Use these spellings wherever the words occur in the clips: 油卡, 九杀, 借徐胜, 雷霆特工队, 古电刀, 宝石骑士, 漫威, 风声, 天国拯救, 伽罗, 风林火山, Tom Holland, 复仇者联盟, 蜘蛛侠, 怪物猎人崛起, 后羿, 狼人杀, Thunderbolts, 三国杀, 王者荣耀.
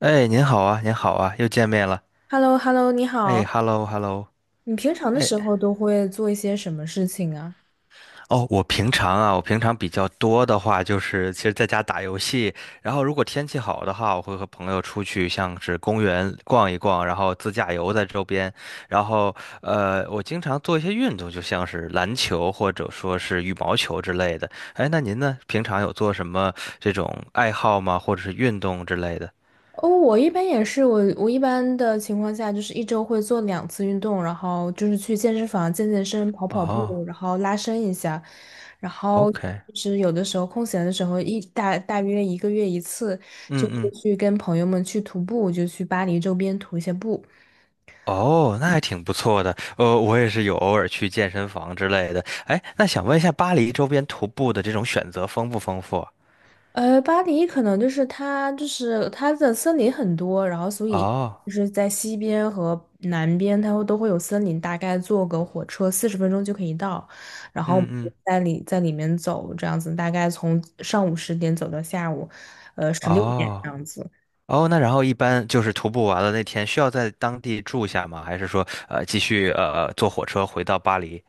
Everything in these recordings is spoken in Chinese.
哎，您好啊，您好啊，又见面了。h e l l o h e l l o 你哎好。，hello hello。你平常的时候都会做一些什么事情啊？哦，我平常啊，我平常比较多的话就是，其实在家打游戏，然后如果天气好的话，我会和朋友出去，像是公园逛一逛，然后自驾游在周边，然后我经常做一些运动，就像是篮球或者说是羽毛球之类的。哎，那您呢？平常有做什么这种爱好吗？或者是运动之类的？哦，我一般也是，我一般的情况下就是一周会做两次运动，然后就是去健身房健健身、跑跑哦步，然后拉伸一下，然后，OK，就是有的时候空闲的时候大约一个月一次，就嗯会嗯。去跟朋友们去徒步，就去巴黎周边徒一些步。哦，那还挺不错的。呃，我也是有偶尔去健身房之类的。哎，那想问一下，巴黎周边徒步的这种选择丰不丰富？巴黎可能就是它的森林很多，然后所以哦，就是在西边和南边，都会有森林，大概坐个火车40分钟就可以到。然后我们嗯嗯，就在里面走，这样子大概从上午10点走到下午，16点这哦样子。哦，那然后一般就是徒步完了那天需要在当地住下吗？还是说继续坐火车回到巴黎？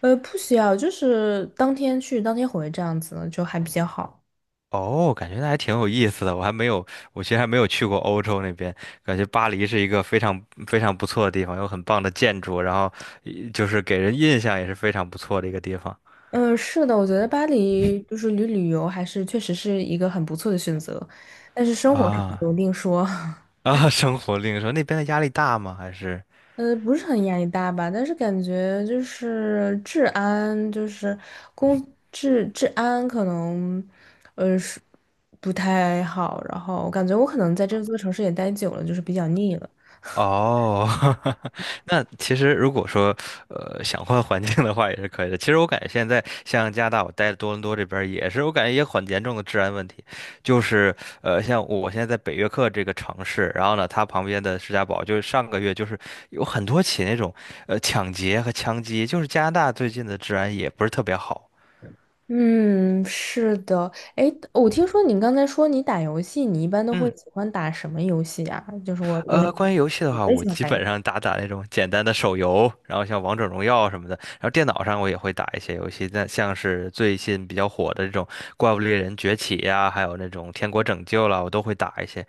不需要，就是当天去当天回这样子就还比较好。哦，感觉那还挺有意思的。我还没有，我其实还没有去过欧洲那边，感觉巴黎是一个非常非常不错的地方，有很棒的建筑，然后就是给人印象也是非常不错的一个地方。嗯，是的，我觉得巴黎就是旅游还是确实是一个很不错的选择，但是生活上啊有另说。啊，生活另说那边的压力大吗？还是不是很压力大吧，但是感觉就是治安，就是公治安可能，是不太好。然后我感觉我可能在这座城市也待久了，就是比较腻了。哦，那其实如果说想换环境的话也是可以的。其实我感觉现在像加拿大，我待多伦多这边儿也是，我感觉也很严重的治安问题。就是像我现在在北约克这个城市，然后呢，它旁边的士嘉堡，就是上个月就是有很多起那种抢劫和枪击，就是加拿大最近的治安也不是特别好。嗯，是的。哎，我听说你刚才说你打游戏，你一般都会嗯。喜欢打什么游戏啊？就是我我呃，关于游戏的我话，也我喜欢基打游戏本上打打那种简单的手游，然后像王者荣耀什么的，然后电脑上我也会打一些游戏，但像是最近比较火的这种《怪物猎人崛起》呀，还有那种《天国拯救》啦，我都会打一些。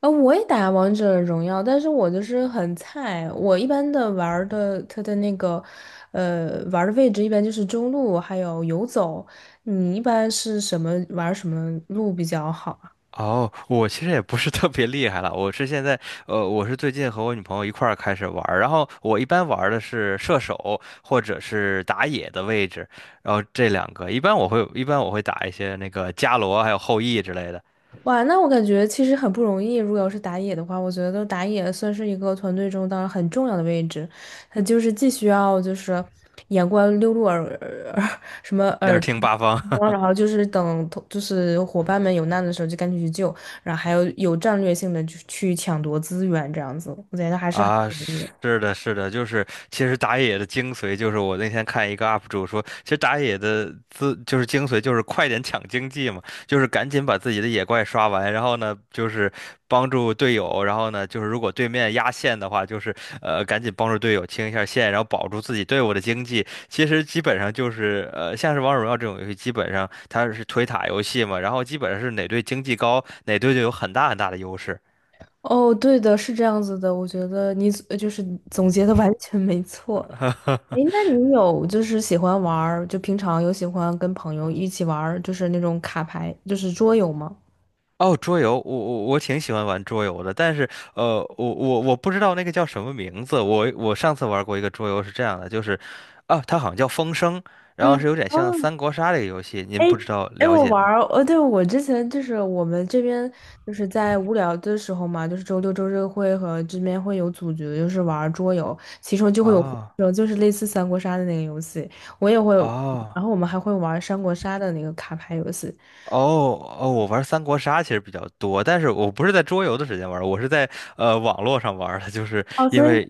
啊，我也打王者荣耀，但是我就是很菜。我一般的玩儿的，他的那个，玩儿的位置一般就是中路，还有游走。你一般是什么玩儿什么路比较好啊？哦，我其实也不是特别厉害了，我是现在，呃，我是最近和我女朋友一块儿开始玩儿，然后我一般玩儿的是射手或者是打野的位置，然后这两个，一般我会打一些那个伽罗还有后羿之类的，哇，那我感觉其实很不容易。如果要是打野的话，我觉得打野算是一个团队中当然很重要的位置，他就是既需要就是眼观六路耳耳什么要耳是听听八方。光，然 后就是等同就是伙伴们有难的时候就赶紧去救，然后还有战略性的去抢夺资源这样子，我觉得还是很啊，不容易的。是的，是的，就是其实打野的精髓就是我那天看一个 UP 主说，其实打野的自就是精髓就是快点抢经济嘛，就是赶紧把自己的野怪刷完，然后呢就是帮助队友，然后呢就是如果对面压线的话，就是赶紧帮助队友清一下线，然后保住自己队伍的经济。其实基本上就是像是王者荣耀这种游戏，基本上它是推塔游戏嘛，然后基本上是哪队经济高，哪队就有很大的优势。哦，对的，是这样子的，我觉得你就是总结的完全没错。哎，那你有就是喜欢玩儿，就平常有喜欢跟朋友一起玩儿，就是那种卡牌，就是桌游吗？哦，桌游，我挺喜欢玩桌游的，但是我不知道那个叫什么名字。我上次玩过一个桌游是这样的，就是啊，它好像叫《风声》，然嗯，后是有点像哦，三国杀这个游戏，您哎不知道哎，了我解玩吗？儿，对，我之前就是我们这边就是在无聊的时候嘛，就是周六周日会和这边会有组局，就是玩儿桌游，其中就会有分啊手就是类似三国杀的那个游戏，我也会，哦然后我们还会玩儿三国杀的那个卡牌游戏。哦哦，我玩三国杀其实比较多，但是我不是在桌游的时间玩儿我是在网络上玩儿的，就是哦，因所以为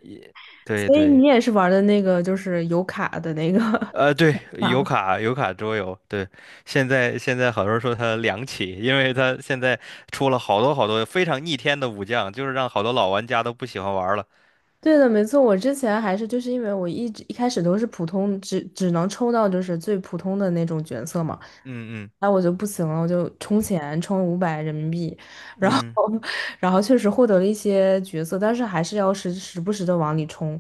对所以你对。也是玩儿的那个就是有卡的那个 呃，对，油吗？卡油卡桌游，对，现在好多人说它凉起，因为它现在出了好多非常逆天的武将，就是让好多老玩家都不喜欢玩了。对的，没错。我之前还是就是因为我一直一开始都是普通，只能抽到就是最普通的那种角色嘛，嗯嗯那我就不行了，我就充钱充500人民币，然后 嗯，然后确实获得了一些角色，但是还是要时不时的往里充，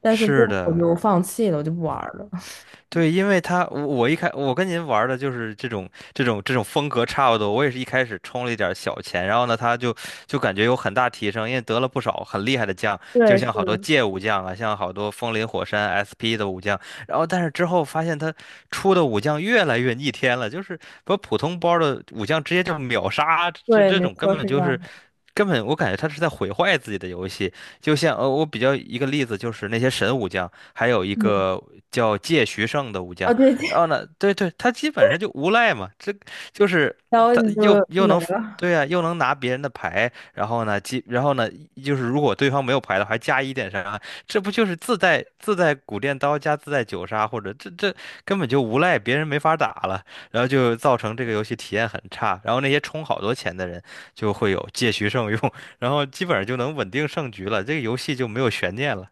但是最是后我就的。放弃了，我就不玩儿了。对，因为他我一开我跟您玩儿的就是这种风格差不多，我也是一开始充了一点儿小钱，然后呢，他就感觉有很大提升，因为得了不少很厉害的将，就对，是像好多的，界武将啊，像好多风林火山 SP 的武将，然后但是之后发现他出的武将越来越逆天了，就是把普通包的武将直接就秒杀，这对，这没种根错，是本这就样是。的。根本我感觉他是在毁坏自己的游戏，就像我比较一个例子就是那些神武将，还有一嗯，个叫借徐胜的武将。啊，对，然后 呢，对对，他基本上就无赖嘛，这就是然后他你又就就又没能了。对啊，又能拿别人的牌，然后呢，就是如果对方没有牌的话，还加一点伤害，这不就是自带古电刀加自带九杀，或者这根本就无赖，别人没法打了，然后就造成这个游戏体验很差，然后那些充好多钱的人就会有借徐胜用，然后基本上就能稳定胜局了，这个游戏就没有悬念了。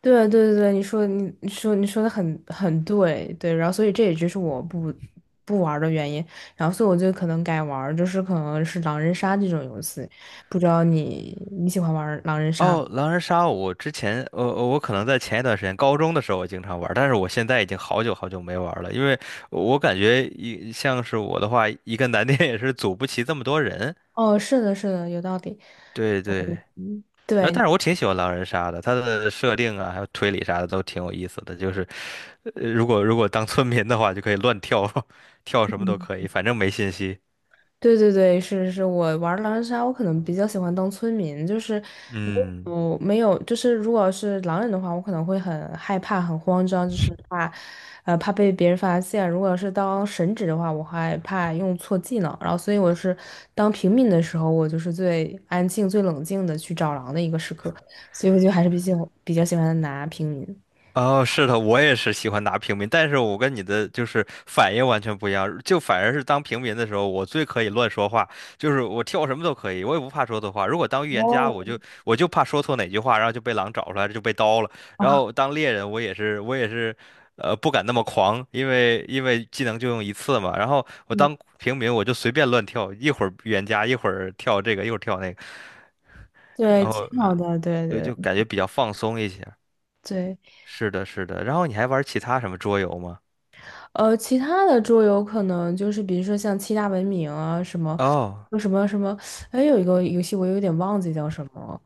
对对对，对，你说的很对，对，然后所以这也就是我不玩儿的原因，然后所以我就可能改玩儿，就是可能是狼人杀这种游戏，不知道你喜欢玩儿狼人杀吗？哦，狼人杀，我之前，呃，我可能在前一段时间，高中的时候我经常玩儿但是我现在已经好久没玩儿了，因为我感觉一像是我的话，一个难点也是组不齐这么多人。哦，是的，是的，有道理。对对，嗯，然后对，但是我挺喜欢狼人杀的，它的设定啊，还有推理啥的都挺有意思的，就是，呃，如果当村民的话，就可以乱跳，跳什么都可以，反正没信息。对对对，是是是我玩狼人杀，我可能比较喜欢当村民，就是没嗯。有没有，就是如果是狼人的话，我可能会很害怕、很慌张，就是怕，怕被别人发现。如果是当神职的话，我害怕用错技能，然后所以我是当平民的时候，我就是最安静、最冷静的去找狼的一个时刻，所以我就还是比较喜欢拿平民。哦，是的，我也是喜欢拿平民，但是我跟你的就是反应完全不一样，就反而是当平民的时候，我最可以乱说话，就是我跳什么都可以，我也不怕说错话。如果当预言家，哦，我就怕说错哪句话，然后就被狼找出来，就被刀了。然啊，后当猎人，我也是，呃，不敢那么狂，因为技能就用一次嘛。然后我嗯，当平民，我就随便乱跳，一会儿预言家，一会儿跳这个，一会儿跳那个，然对，后挺好的，对对就感觉比较放松一些。对。是的，是的。然后你还玩其他什么桌游吗？其他的桌游可能就是比如说像七大文明啊，什么哦什么什么，哎，有一个游戏我有点忘记叫什么，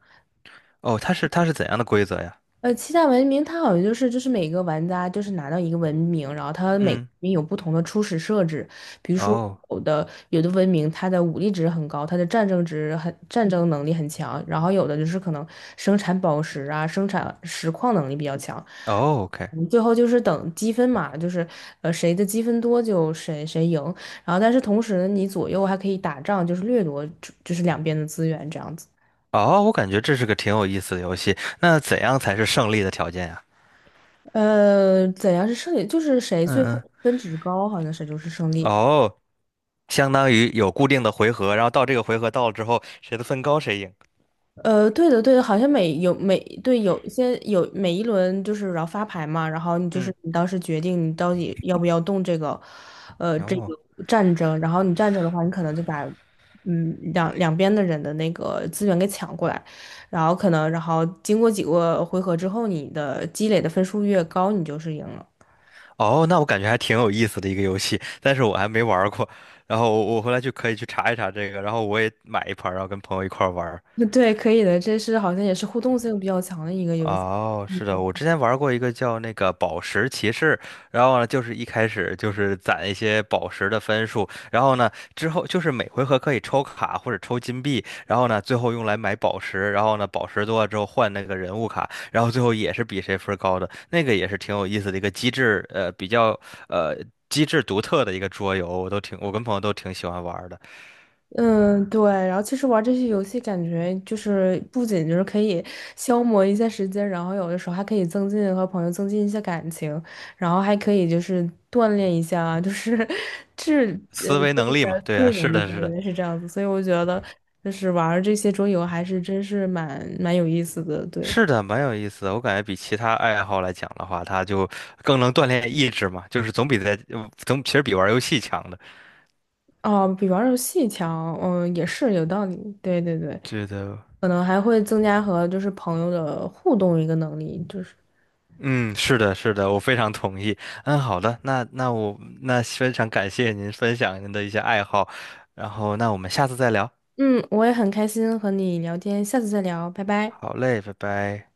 哦，它是怎样的规则呀？七大文明它好像就是每个玩家就是拿到一个文明，然后它每个嗯，文明有不同的初始设置，比如说哦有的文明它的武力值很高，它的战争能力很强，然后有的就是可能生产宝石啊，生产石矿能力比较强。哦，OK，嗯最后就是等积分嘛，就是谁的积分多就谁赢，然后但是同时你左右还可以打仗，就是掠夺就是两边的资源这样子。哦，我感觉这是个挺有意思的游戏。那怎样才是胜利的条件呀？怎样是胜利？就是谁嗯最嗯，后分值高，好像谁就是胜利。哦，相当于有固定的回合，然后到这个回合到了之后，谁的分高谁赢。对的，对的，好像每有每对有一些有每一轮就是然后发牌嘛，然后你就嗯，是你当时决定你到底要不要动这个，这哦个战争，然后你战争的话，你可能就把两边的人的那个资源给抢过来，然后可能然后经过几个回合之后，你的积累的分数越高，你就是赢了。哦，那我感觉还挺有意思的一个游戏，但是我还没玩儿过。然后我回来就可以去查一查这个，然后我也买一盘儿然后跟朋友一块儿玩。对，可以的，这是好像也是互动性比较强的一个游戏。哦，是的，我之前玩过一个叫那个宝石骑士，然后呢，就是一开始就是攒一些宝石的分数，然后呢，之后就是每回合可以抽卡或者抽金币，然后呢，最后用来买宝石，然后呢，宝石多了之后换那个人物卡，然后最后也是比谁分儿高的，那个也是挺有意思的一个机制，呃，比较呃机制独特的一个桌游，我都挺，我跟朋友都挺喜欢玩儿的，嗯，对，然后其实玩这些游戏，感觉就是不仅就是可以消磨一下时间，然后有的时候还可以增进和朋友增进一些感情，然后还可以就是锻炼一下啊，就是 思维增能力加嘛，的对啊，睡是眠，的，是的。对是这样子。所以我觉得就是玩这些桌游还是真是蛮有意思的，对。是的，蛮有意思的。我感觉比其他爱好来讲的话，它就更能锻炼意志嘛，就是总比在总其实比玩游戏强的。哦，比玩儿游戏强，嗯，也是有道理，对对对，觉得，可能还会增加和就是朋友的互动一个能力，就是。嗯，是的，是的，我非常同意。嗯，好的，那我非常感谢您分享您的一些爱好，然后那我们下次再聊。嗯，我也很开心和你聊天，下次再聊，拜拜。好嘞，拜拜。